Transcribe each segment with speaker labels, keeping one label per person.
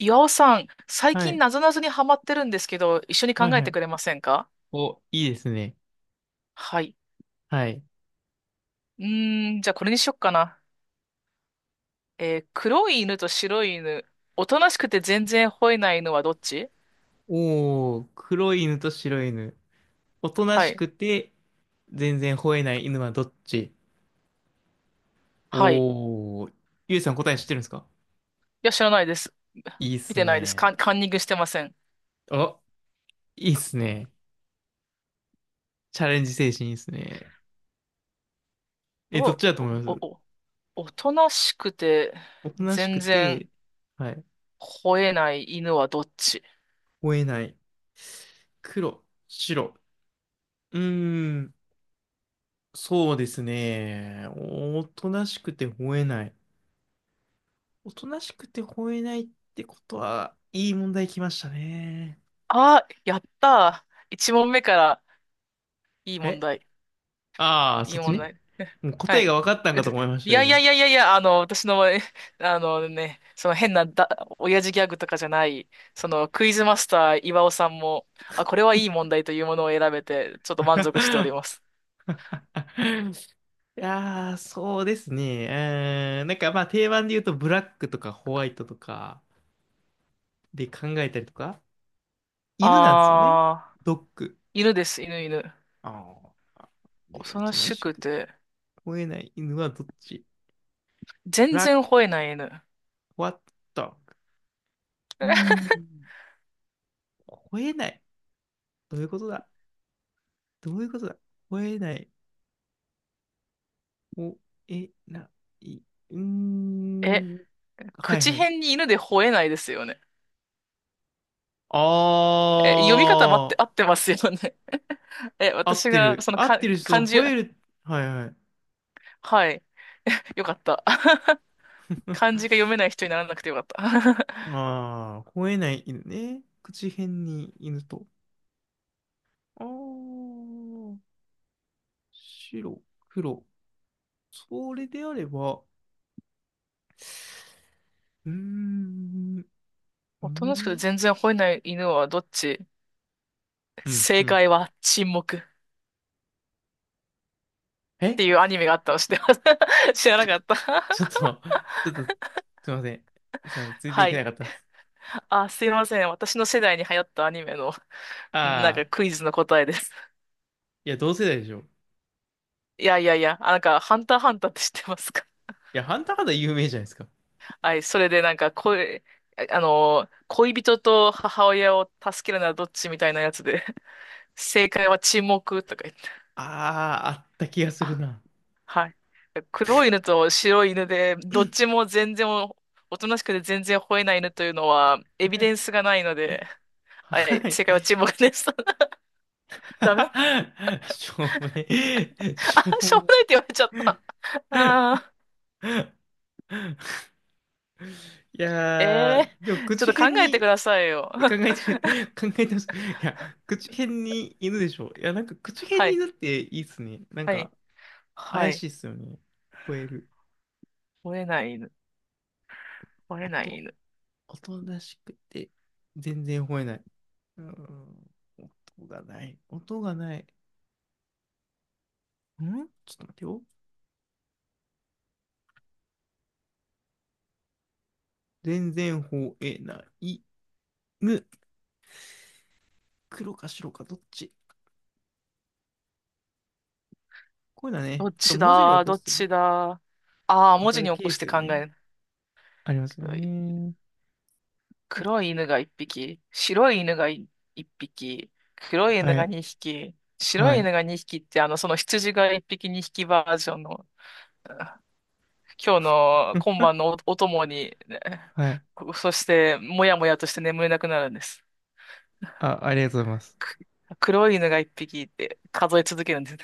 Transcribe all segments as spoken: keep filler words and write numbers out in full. Speaker 1: 岩尾さん、最
Speaker 2: は
Speaker 1: 近
Speaker 2: い。
Speaker 1: なぞなぞにハマってるんですけど、一緒に考
Speaker 2: はい
Speaker 1: え
Speaker 2: は
Speaker 1: て
Speaker 2: い。
Speaker 1: くれませんか？
Speaker 2: お、いいですね。
Speaker 1: はい。
Speaker 2: はい。
Speaker 1: うーん、じゃあこれにしよっかな。えー黒い犬と白い犬。おとなしくて全然吠えない犬はどっち？
Speaker 2: おー、黒い犬と白い犬。おとな
Speaker 1: は
Speaker 2: し
Speaker 1: い。
Speaker 2: くて、全然吠えない犬はどっち？
Speaker 1: はい。い
Speaker 2: おー、ゆうさん答え知ってるんですか？
Speaker 1: や、知らないです。
Speaker 2: いいっ
Speaker 1: 見
Speaker 2: す
Speaker 1: てないです。カ
Speaker 2: ね。
Speaker 1: ン、カンニングしてません。
Speaker 2: お、いいっすね。チャレンジ精神いいっすね。え、
Speaker 1: お、
Speaker 2: どっちだと
Speaker 1: お、
Speaker 2: 思いま
Speaker 1: お、
Speaker 2: す？
Speaker 1: お、おとなしくて
Speaker 2: おとなしく
Speaker 1: 全
Speaker 2: て、
Speaker 1: 然
Speaker 2: はい。
Speaker 1: 吠えない犬はどっち？
Speaker 2: 吠えない。黒、白。うーん、そうですね。おとなしくて吠えない。おとなしくて吠えないってことは、いい問題きましたね。
Speaker 1: あ、やったー。一問目からいい問
Speaker 2: え、
Speaker 1: 題。
Speaker 2: ああー、
Speaker 1: いい
Speaker 2: そっち
Speaker 1: 問
Speaker 2: ね。
Speaker 1: 題。
Speaker 2: もう
Speaker 1: は
Speaker 2: 答え
Speaker 1: い。
Speaker 2: が分かったん
Speaker 1: えっ
Speaker 2: か
Speaker 1: と、
Speaker 2: と思いまし
Speaker 1: い
Speaker 2: たよ、
Speaker 1: やいや
Speaker 2: 今。
Speaker 1: いやいやいや、あの、私の、え、あのね、その変なだ、親父ギャグとかじゃない、そのクイズマスター岩尾さんも、あ、これはいい問題というものを選べて、ちょっと満足しておりま す。
Speaker 2: いやー、そうですね。うーん、なんかまあ定番で言うとブラックとかホワイトとかで考えたりとか、犬なんですよね。
Speaker 1: あ
Speaker 2: ドッグ。
Speaker 1: ー、犬です、犬、犬。
Speaker 2: ああ。で、
Speaker 1: 恐
Speaker 2: お
Speaker 1: ろ
Speaker 2: とな
Speaker 1: し
Speaker 2: し
Speaker 1: く
Speaker 2: く
Speaker 1: て、
Speaker 2: 吠えない犬はどっち？ブ
Speaker 1: 全
Speaker 2: ラッ
Speaker 1: 然
Speaker 2: ク、
Speaker 1: 吠えない犬。
Speaker 2: ホワット、ドッグ。うー ん、吠えない。どういうことだ？どういうことだ？吠えない。吠え、な、い、うー
Speaker 1: え、
Speaker 2: ん。はい
Speaker 1: 口
Speaker 2: はい。
Speaker 1: 辺に犬で吠えないですよね。
Speaker 2: あ
Speaker 1: え、読み方待って、合っ
Speaker 2: ー、
Speaker 1: てますよね。え、
Speaker 2: 合っ
Speaker 1: 私
Speaker 2: て
Speaker 1: が、
Speaker 2: る。
Speaker 1: その
Speaker 2: 合っ
Speaker 1: か、
Speaker 2: てるし、その
Speaker 1: 漢字、
Speaker 2: 吠える。はいはい。
Speaker 1: はい。よかった。漢 字が読めない人にならなくてよかった。
Speaker 2: あー、吠えない犬ね。口辺に犬と。あー、白、黒。それであれば、うーん、うー
Speaker 1: おとなしくて
Speaker 2: ん、
Speaker 1: 全然吠えない犬はどっち？
Speaker 2: うん、う
Speaker 1: 正
Speaker 2: ん。
Speaker 1: 解は沈黙っ
Speaker 2: え
Speaker 1: ていうア ニメがあったの知ってます？ 知らなかった？
Speaker 2: ちょっと、ちょっと、すいません。すいません。ついてい
Speaker 1: は
Speaker 2: け
Speaker 1: い。
Speaker 2: なかったです。
Speaker 1: あ、すいません。私の世代に流行ったアニメの、なん
Speaker 2: あ、
Speaker 1: かクイズの答えです。
Speaker 2: いや、同世代でしょ。い
Speaker 1: いやいやいや、あ、なんか、ハンターハンターって知ってますか？
Speaker 2: や、ハンターハンター有名じゃないですか。
Speaker 1: はい。それでなんか、恋、あの、恋人と母親を助けるならどっちみたいなやつで、正解は沈黙とか言って、
Speaker 2: あー、あった気がする
Speaker 1: あ、
Speaker 2: な。
Speaker 1: はい。黒い犬と白い犬で、どっちも全然お、おとなしくて全然吠えない犬というのは、エビデン スがないので、は
Speaker 2: は
Speaker 1: い、
Speaker 2: い。
Speaker 1: 正解は沈黙です。ダメ？
Speaker 2: しょうもね。し
Speaker 1: あ、
Speaker 2: ょう
Speaker 1: し
Speaker 2: も
Speaker 1: ょうも
Speaker 2: ね。
Speaker 1: ないって言われちゃった。あ
Speaker 2: い
Speaker 1: ー、
Speaker 2: や
Speaker 1: え
Speaker 2: ー、でも、
Speaker 1: ー、ちょ
Speaker 2: 口
Speaker 1: っと考
Speaker 2: 変
Speaker 1: えてく
Speaker 2: に
Speaker 1: ださいよ。
Speaker 2: 考え て、考えてます。いや、口変に犬でしょ。いや、なんか、口変
Speaker 1: は
Speaker 2: に
Speaker 1: い、
Speaker 2: 犬っていいっすね。なん
Speaker 1: は
Speaker 2: か、
Speaker 1: い、は
Speaker 2: 怪し
Speaker 1: い。
Speaker 2: いっすよね。吠える。
Speaker 1: 吠えない犬、吠えない
Speaker 2: 音、
Speaker 1: 犬。
Speaker 2: 音らしくて、全然吠えない。う ん。音がない。音がない。んちょっと待ってよ。全然吠えない。む。黒か白かどっち？こういうのは
Speaker 1: ど
Speaker 2: ね、
Speaker 1: っ
Speaker 2: ちょっと
Speaker 1: ち
Speaker 2: 文字に起
Speaker 1: だ、
Speaker 2: こ
Speaker 1: どっ
Speaker 2: すとね、
Speaker 1: ちだ。ああ、
Speaker 2: わ
Speaker 1: 文
Speaker 2: か
Speaker 1: 字
Speaker 2: る
Speaker 1: に起
Speaker 2: ケ
Speaker 1: こ
Speaker 2: ー
Speaker 1: し
Speaker 2: ス
Speaker 1: て
Speaker 2: が
Speaker 1: 考
Speaker 2: ね、
Speaker 1: える。
Speaker 2: ありますよ
Speaker 1: 黒い
Speaker 2: ね。お、
Speaker 1: 犬が一匹、白い犬がい一匹、黒い犬
Speaker 2: は
Speaker 1: が
Speaker 2: い。
Speaker 1: 二匹、白
Speaker 2: は
Speaker 1: い
Speaker 2: い。
Speaker 1: 犬が二匹って、あの、その羊が一匹二匹バージョンの、あ、今日の
Speaker 2: う
Speaker 1: 今
Speaker 2: ん、
Speaker 1: 晩のお、お供に、ね。
Speaker 2: はい。
Speaker 1: そして、もやもやとして眠れなくなるんです。
Speaker 2: あ、ありがとうございます。
Speaker 1: く黒い犬が一匹って数え続けるんです。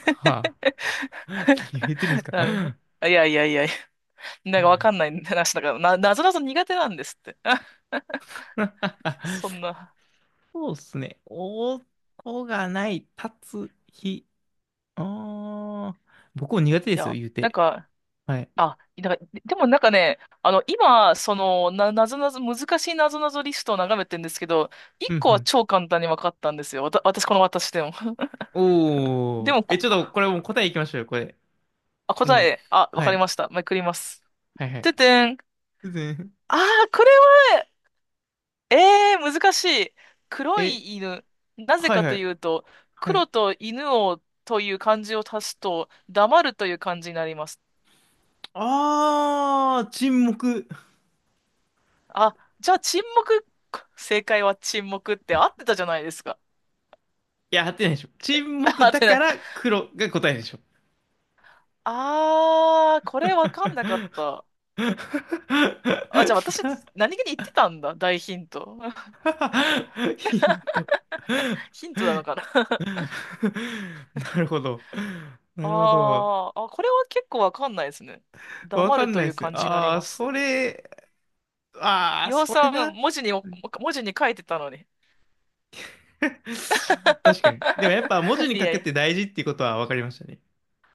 Speaker 2: はあ。何言ってるんですか？
Speaker 1: なるほど、いやいやいやいやなんかわかんない話だから、な、なぞなぞ苦手なんですって。そん な。
Speaker 2: そうっすね。音がない、立つ日。ああ。僕も苦手で
Speaker 1: い
Speaker 2: すよ、
Speaker 1: や、
Speaker 2: 言う
Speaker 1: なん
Speaker 2: て。
Speaker 1: か、
Speaker 2: はい。
Speaker 1: あ、なんか、でもなんかね、あの、今、その、な、なぞなぞ、難しいなぞなぞリストを眺めてるんですけど、一
Speaker 2: うんう
Speaker 1: 個は
Speaker 2: ん、
Speaker 1: 超簡単に分かったんですよ。わた、私、この私でも。
Speaker 2: お
Speaker 1: で
Speaker 2: ー。
Speaker 1: も
Speaker 2: え、
Speaker 1: こ、
Speaker 2: ちょっとこれもう答えいきましょうよ、これ。
Speaker 1: あ、答
Speaker 2: もう。
Speaker 1: え、あ、わ
Speaker 2: は
Speaker 1: かり
Speaker 2: い。
Speaker 1: ました。めくります。
Speaker 2: はいはい。
Speaker 1: ててん。
Speaker 2: 全然、
Speaker 1: あー、これは、えー、難しい。黒
Speaker 2: え、
Speaker 1: い犬。なぜ
Speaker 2: はい
Speaker 1: か
Speaker 2: は
Speaker 1: とい
Speaker 2: い。
Speaker 1: うと、
Speaker 2: は
Speaker 1: 黒
Speaker 2: い。
Speaker 1: と犬をという漢字を足すと、黙るという漢字になります。
Speaker 2: あー、沈黙。
Speaker 1: あ、じゃあ沈黙、正解は沈黙って合ってたじゃないですか。
Speaker 2: いや、合ってないでしょ。沈 黙
Speaker 1: 合っ
Speaker 2: だ
Speaker 1: てな
Speaker 2: か
Speaker 1: い。
Speaker 2: ら黒が答えでしょ。
Speaker 1: あー、これわかんなかった。あ、じゃあ私、何気に言ってたんだ。大ヒント。
Speaker 2: ヒント。
Speaker 1: ヒントなのかな。
Speaker 2: なるほど。
Speaker 1: あ
Speaker 2: なるほど。
Speaker 1: ー、あ、これは結構わかんないですね。
Speaker 2: わ
Speaker 1: 黙
Speaker 2: か
Speaker 1: る
Speaker 2: ん
Speaker 1: と
Speaker 2: ない
Speaker 1: い
Speaker 2: で
Speaker 1: う
Speaker 2: すね。
Speaker 1: 感じになり
Speaker 2: ああ、
Speaker 1: ます。
Speaker 2: それ、ああ、
Speaker 1: 岩尾
Speaker 2: それ
Speaker 1: さん、
Speaker 2: な。
Speaker 1: 文字にお、文字に書いてたのに。
Speaker 2: 確かに。でもやっぱ文字 に
Speaker 1: い
Speaker 2: 書
Speaker 1: や
Speaker 2: く
Speaker 1: い
Speaker 2: っ
Speaker 1: や。
Speaker 2: て大事っていうことは分かりましたね。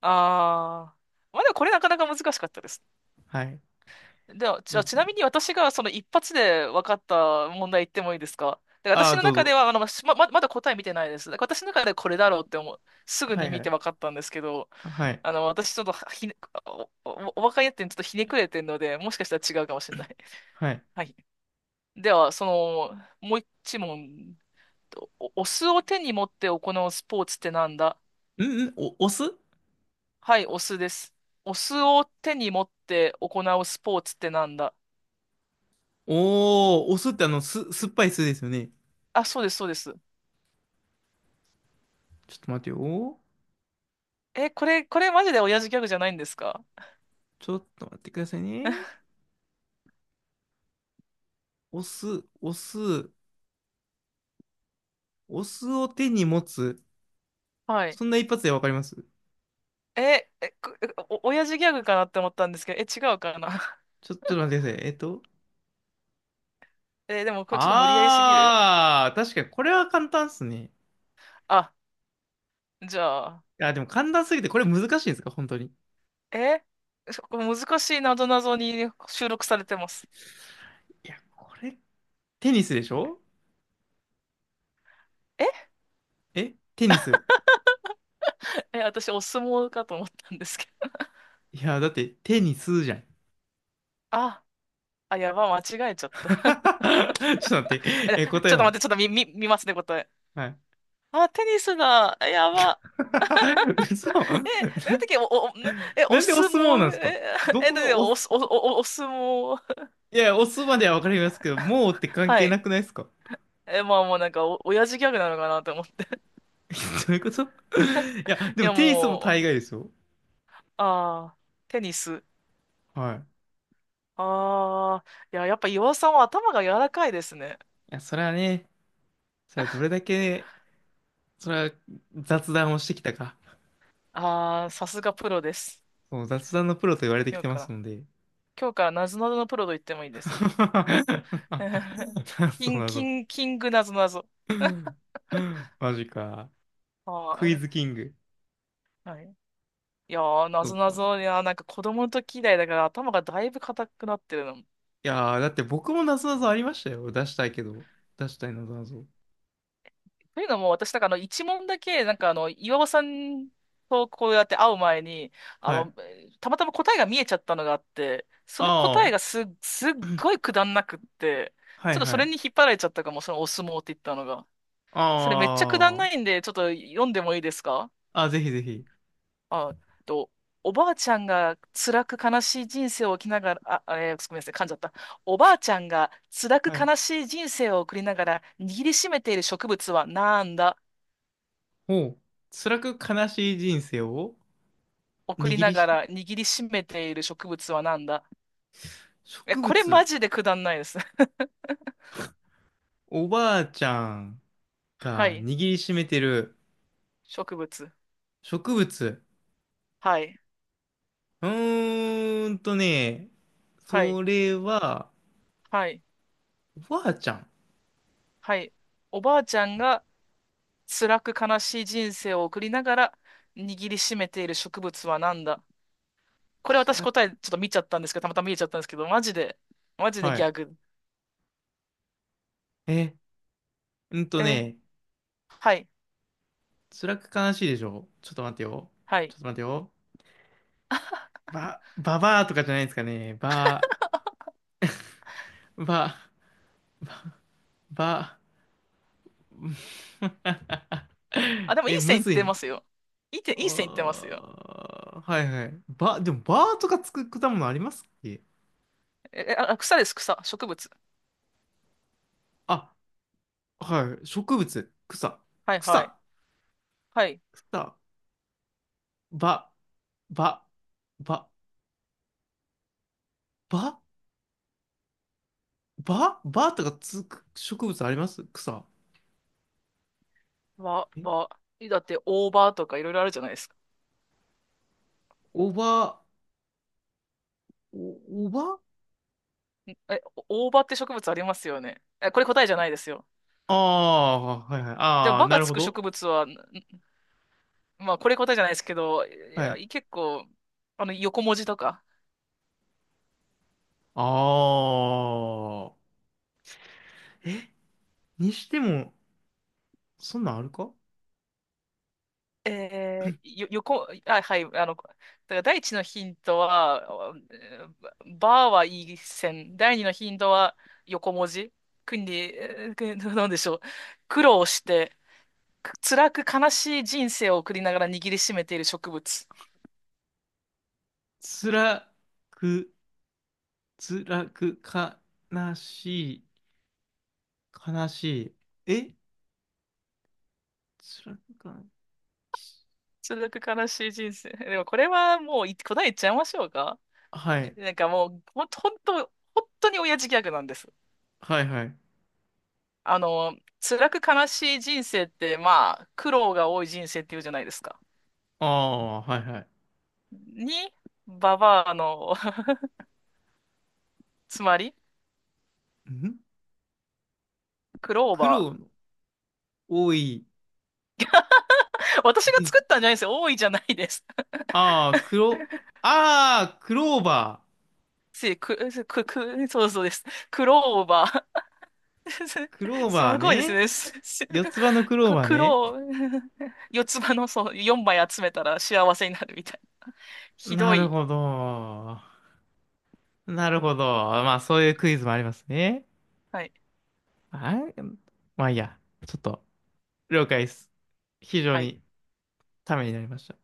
Speaker 1: あー。まあでもこれなかなか難しかったです。
Speaker 2: はい。
Speaker 1: では、じ
Speaker 2: い
Speaker 1: ゃ
Speaker 2: い
Speaker 1: あ、
Speaker 2: で
Speaker 1: ち
Speaker 2: すね。
Speaker 1: なみに私がその一発で分かった問題言ってもいいですか？で、
Speaker 2: あ
Speaker 1: 私
Speaker 2: あ、
Speaker 1: の
Speaker 2: どう
Speaker 1: 中で
Speaker 2: ぞ。
Speaker 1: は、あの、ま、まままだ答え見てないです。だから私の中でこれだろうって思う。すぐ
Speaker 2: は
Speaker 1: に
Speaker 2: いは
Speaker 1: 見て
Speaker 2: い。
Speaker 1: 分かったんですけど、
Speaker 2: はい。
Speaker 1: あの、私ちょっとひね、お、お、お若いやってちょっとひねくれてるので、もしかしたら違うかもしれない。
Speaker 2: はい。
Speaker 1: はい。では、その、もう一問。お、お酢を手に持って行うスポーツってなんだ？
Speaker 2: うんうん。お、お酢、
Speaker 1: はい、お酢です。お酢を手に持って行うスポーツってなんだ？
Speaker 2: おー、お酢ってあの、す、酸っぱい酢ですよね。
Speaker 1: あ、そうです、そうです。
Speaker 2: ちょっと待ってよ。
Speaker 1: え、これ、これマジで親父ギャグじゃないんですか？
Speaker 2: ちょっと待ってくださいね。お酢、お酢、お酢を手に持つ。
Speaker 1: はい。
Speaker 2: そんな一発で分かります？
Speaker 1: え、え、くお、親父ギャグかなって思ったんですけど、え、違うかな？
Speaker 2: ちょ、ちょっと待ってください。えっと。
Speaker 1: え、でもこれちょっと無理やりすぎる？
Speaker 2: ああ、確かにこれは簡単っすね。
Speaker 1: あ、じゃあ、
Speaker 2: あ、でも簡単すぎてこれ難しいんですか本当に。
Speaker 1: え、そこ難しいなぞなぞに収録されてます。
Speaker 2: いや、これ、テニスでしょ？
Speaker 1: え、
Speaker 2: え、テニス。
Speaker 1: え、私お相撲かと思ったんですけど。
Speaker 2: いや、だってテニスじゃん。
Speaker 1: あ、あ、やば、間違えちゃっ た。
Speaker 2: ちょっと待っ て。
Speaker 1: え、
Speaker 2: え、答
Speaker 1: ち
Speaker 2: え
Speaker 1: ょっと待っ
Speaker 2: は？
Speaker 1: て、ちょっと見、見、見ますね、答え。
Speaker 2: はい。
Speaker 1: あ、テニスだ。やば。
Speaker 2: 嘘な、
Speaker 1: え、え、てき、お、お、な え、
Speaker 2: な
Speaker 1: お
Speaker 2: んでお
Speaker 1: 相
Speaker 2: 相撲なんで
Speaker 1: 撲、
Speaker 2: すか？
Speaker 1: え、
Speaker 2: ど
Speaker 1: え、
Speaker 2: こ
Speaker 1: だっ
Speaker 2: が
Speaker 1: てお、
Speaker 2: お、
Speaker 1: お、
Speaker 2: い
Speaker 1: お、おお相撲。
Speaker 2: や、お相撲まではわかりますけど、もうって関
Speaker 1: は
Speaker 2: 係
Speaker 1: い。
Speaker 2: なくないですか？
Speaker 1: え、まあもうなんかお、親父ギャグなのかなと思って。
Speaker 2: どういうこと？ いや、で
Speaker 1: い
Speaker 2: も
Speaker 1: や
Speaker 2: テニスも大
Speaker 1: もう、
Speaker 2: 概ですよ。
Speaker 1: ああ、テニス。
Speaker 2: はい。い
Speaker 1: ああ、いや、やっぱ岩尾さんは頭が柔らかいですね。
Speaker 2: や、それはね、それはどれ だけね、それは雑談をしてきたか。
Speaker 1: ああ、さすがプロです。
Speaker 2: そう、雑談のプロと言われてき
Speaker 1: 今日
Speaker 2: てま
Speaker 1: か
Speaker 2: す
Speaker 1: ら、
Speaker 2: ので。
Speaker 1: 今日からなぞなぞのプロと言ってもいいです。キ
Speaker 2: そう
Speaker 1: ン、
Speaker 2: な
Speaker 1: キ
Speaker 2: の。
Speaker 1: ン、キングなぞなぞ。
Speaker 2: マジか。クイズ
Speaker 1: あ
Speaker 2: キング。
Speaker 1: あ、はい。いやー、な
Speaker 2: そ
Speaker 1: ぞ
Speaker 2: っ
Speaker 1: な
Speaker 2: か。
Speaker 1: ぞ、いやー、なんか子供の時以来だから頭がだいぶ硬くなってるの。
Speaker 2: いやー、だって僕もなぞなぞありましたよ。出したいけど。出したいなぞなぞ。
Speaker 1: というのも、私、なんかあの、一問だけ、なんかあの、岩尾さんとこうやって会う前に、あ
Speaker 2: は
Speaker 1: の、
Speaker 2: い。
Speaker 1: たまたま答えが見えちゃったのがあって、その答え
Speaker 2: あ
Speaker 1: がす、すっ
Speaker 2: あ。
Speaker 1: ごいくだんなくって、
Speaker 2: は
Speaker 1: ちょ
Speaker 2: い
Speaker 1: っとそ
Speaker 2: は
Speaker 1: れ
Speaker 2: い。
Speaker 1: に引っ張られちゃったかも、そのお相撲って言ったのが。それめっちゃくだん
Speaker 2: あ
Speaker 1: ないんで、ちょっと読んでもいいですか？
Speaker 2: あ。あ、ぜひぜひ。
Speaker 1: あ、えっと、おばあちゃんが辛く悲しい人生を生きながら、あ、えーごめんなさい、噛んじゃった。おばあちゃんが辛く
Speaker 2: はい。
Speaker 1: 悲しい人生を送りながら握りしめている植物はなんだ？
Speaker 2: ほう。辛く悲しい人生を
Speaker 1: 送り
Speaker 2: 握
Speaker 1: な
Speaker 2: り
Speaker 1: が
Speaker 2: しめ、
Speaker 1: ら握りしめている植物は何だ？え、
Speaker 2: 植物。
Speaker 1: これマジでくだんないです。
Speaker 2: おばあちゃん
Speaker 1: は
Speaker 2: が
Speaker 1: い。
Speaker 2: 握りしめてる
Speaker 1: 植物。
Speaker 2: 植物。
Speaker 1: はい。
Speaker 2: うーんとね、
Speaker 1: はい。
Speaker 2: それは、
Speaker 1: はい。
Speaker 2: おばあちゃん。
Speaker 1: はい。おばあちゃんが辛く悲しい人生を送りながら握りしめている植物は何だ？これ私
Speaker 2: 辛く、
Speaker 1: 答えちょっと見ちゃったんですけど、たまたま見えちゃったんですけど、マジで、マジで
Speaker 2: は
Speaker 1: ギ
Speaker 2: い。
Speaker 1: ャグ。
Speaker 2: え、うんと
Speaker 1: え、
Speaker 2: ね、
Speaker 1: はい。
Speaker 2: 辛く悲しいでしょ？ちょっと待ってよ。
Speaker 1: は
Speaker 2: ち
Speaker 1: い。
Speaker 2: ょっと待ってよ。ば、ばばーとかじゃないですかね。ば、ば、ば、
Speaker 1: あ、でもいい
Speaker 2: え、む
Speaker 1: 線いっ
Speaker 2: ずい
Speaker 1: て
Speaker 2: な。
Speaker 1: ますよ。いい点、いい線いってます
Speaker 2: あ
Speaker 1: よ。
Speaker 2: ー、はいはい。ば、でもばーとかつく果物ありますっけ？
Speaker 1: え、えあ、草です、草。植物。
Speaker 2: あ、はい。植物、草、
Speaker 1: はいはい。
Speaker 2: 草、
Speaker 1: はい。
Speaker 2: 草、ば、ば、ば、ば、ば、ばとかつく植物あります？草。
Speaker 1: わ、
Speaker 2: え、
Speaker 1: ば、えだって大葉とかいろいろあるじゃないですか。
Speaker 2: おば、お、おば、
Speaker 1: え、大葉って植物ありますよね。え、これ答えじゃないですよ。
Speaker 2: ああ、はいはい。
Speaker 1: で
Speaker 2: あ
Speaker 1: も、
Speaker 2: あ、
Speaker 1: ば
Speaker 2: な
Speaker 1: が
Speaker 2: る
Speaker 1: つ
Speaker 2: ほ
Speaker 1: く
Speaker 2: ど。
Speaker 1: 植物は、ん、まあ、これ答えじゃないですけど、い
Speaker 2: は
Speaker 1: や、
Speaker 2: い。
Speaker 1: い結構、あの、横文字とか。
Speaker 2: ああ。にしても、そんなんあるか？
Speaker 1: えー、よ、横、あ、はい、あの、だから第一のヒントは、えーばはいい線。第二のヒントは横文字。国に、えーくなんでしょう。苦労して、く辛く悲しい人生を送りながら握りしめている植物。
Speaker 2: 辛く、辛く、悲しい、悲しい。え、辛くか、
Speaker 1: 続く悲しい人生。でもこれはもうい答え言っちゃいましょうか。
Speaker 2: はい、
Speaker 1: なんかもう、ほんと、ほんと本当に親父ギャグなんです。
Speaker 2: はいはい。
Speaker 1: あの、辛く悲しい人生って、まあ、苦労が多い人生っていうじゃないですか。
Speaker 2: ああ、はいはい。
Speaker 1: に、ババアの、つまり、
Speaker 2: ん
Speaker 1: クロー
Speaker 2: 苦労
Speaker 1: バ
Speaker 2: の多い
Speaker 1: ー。私が
Speaker 2: 人
Speaker 1: 作
Speaker 2: 生。
Speaker 1: ったんじゃないですよ。多いじゃないです。
Speaker 2: ああ、黒、ああ、クローバ
Speaker 1: せ、く、せくく、そうそうです。クローバー。
Speaker 2: ー。クロー
Speaker 1: す
Speaker 2: バー
Speaker 1: ごいです
Speaker 2: ね。
Speaker 1: ね。すす
Speaker 2: 四つ葉のクロー
Speaker 1: か
Speaker 2: バー
Speaker 1: ク
Speaker 2: ね。
Speaker 1: ロー、四つ葉の、そう、よんまい集めたら幸せになるみたいな。ひど
Speaker 2: なる
Speaker 1: い。
Speaker 2: ほど。なるほど。まあ、そういうクイズもありますね。
Speaker 1: はい。
Speaker 2: あ、まあ、いいや。ちょっと、了解です。非常
Speaker 1: はい。
Speaker 2: にためになりました。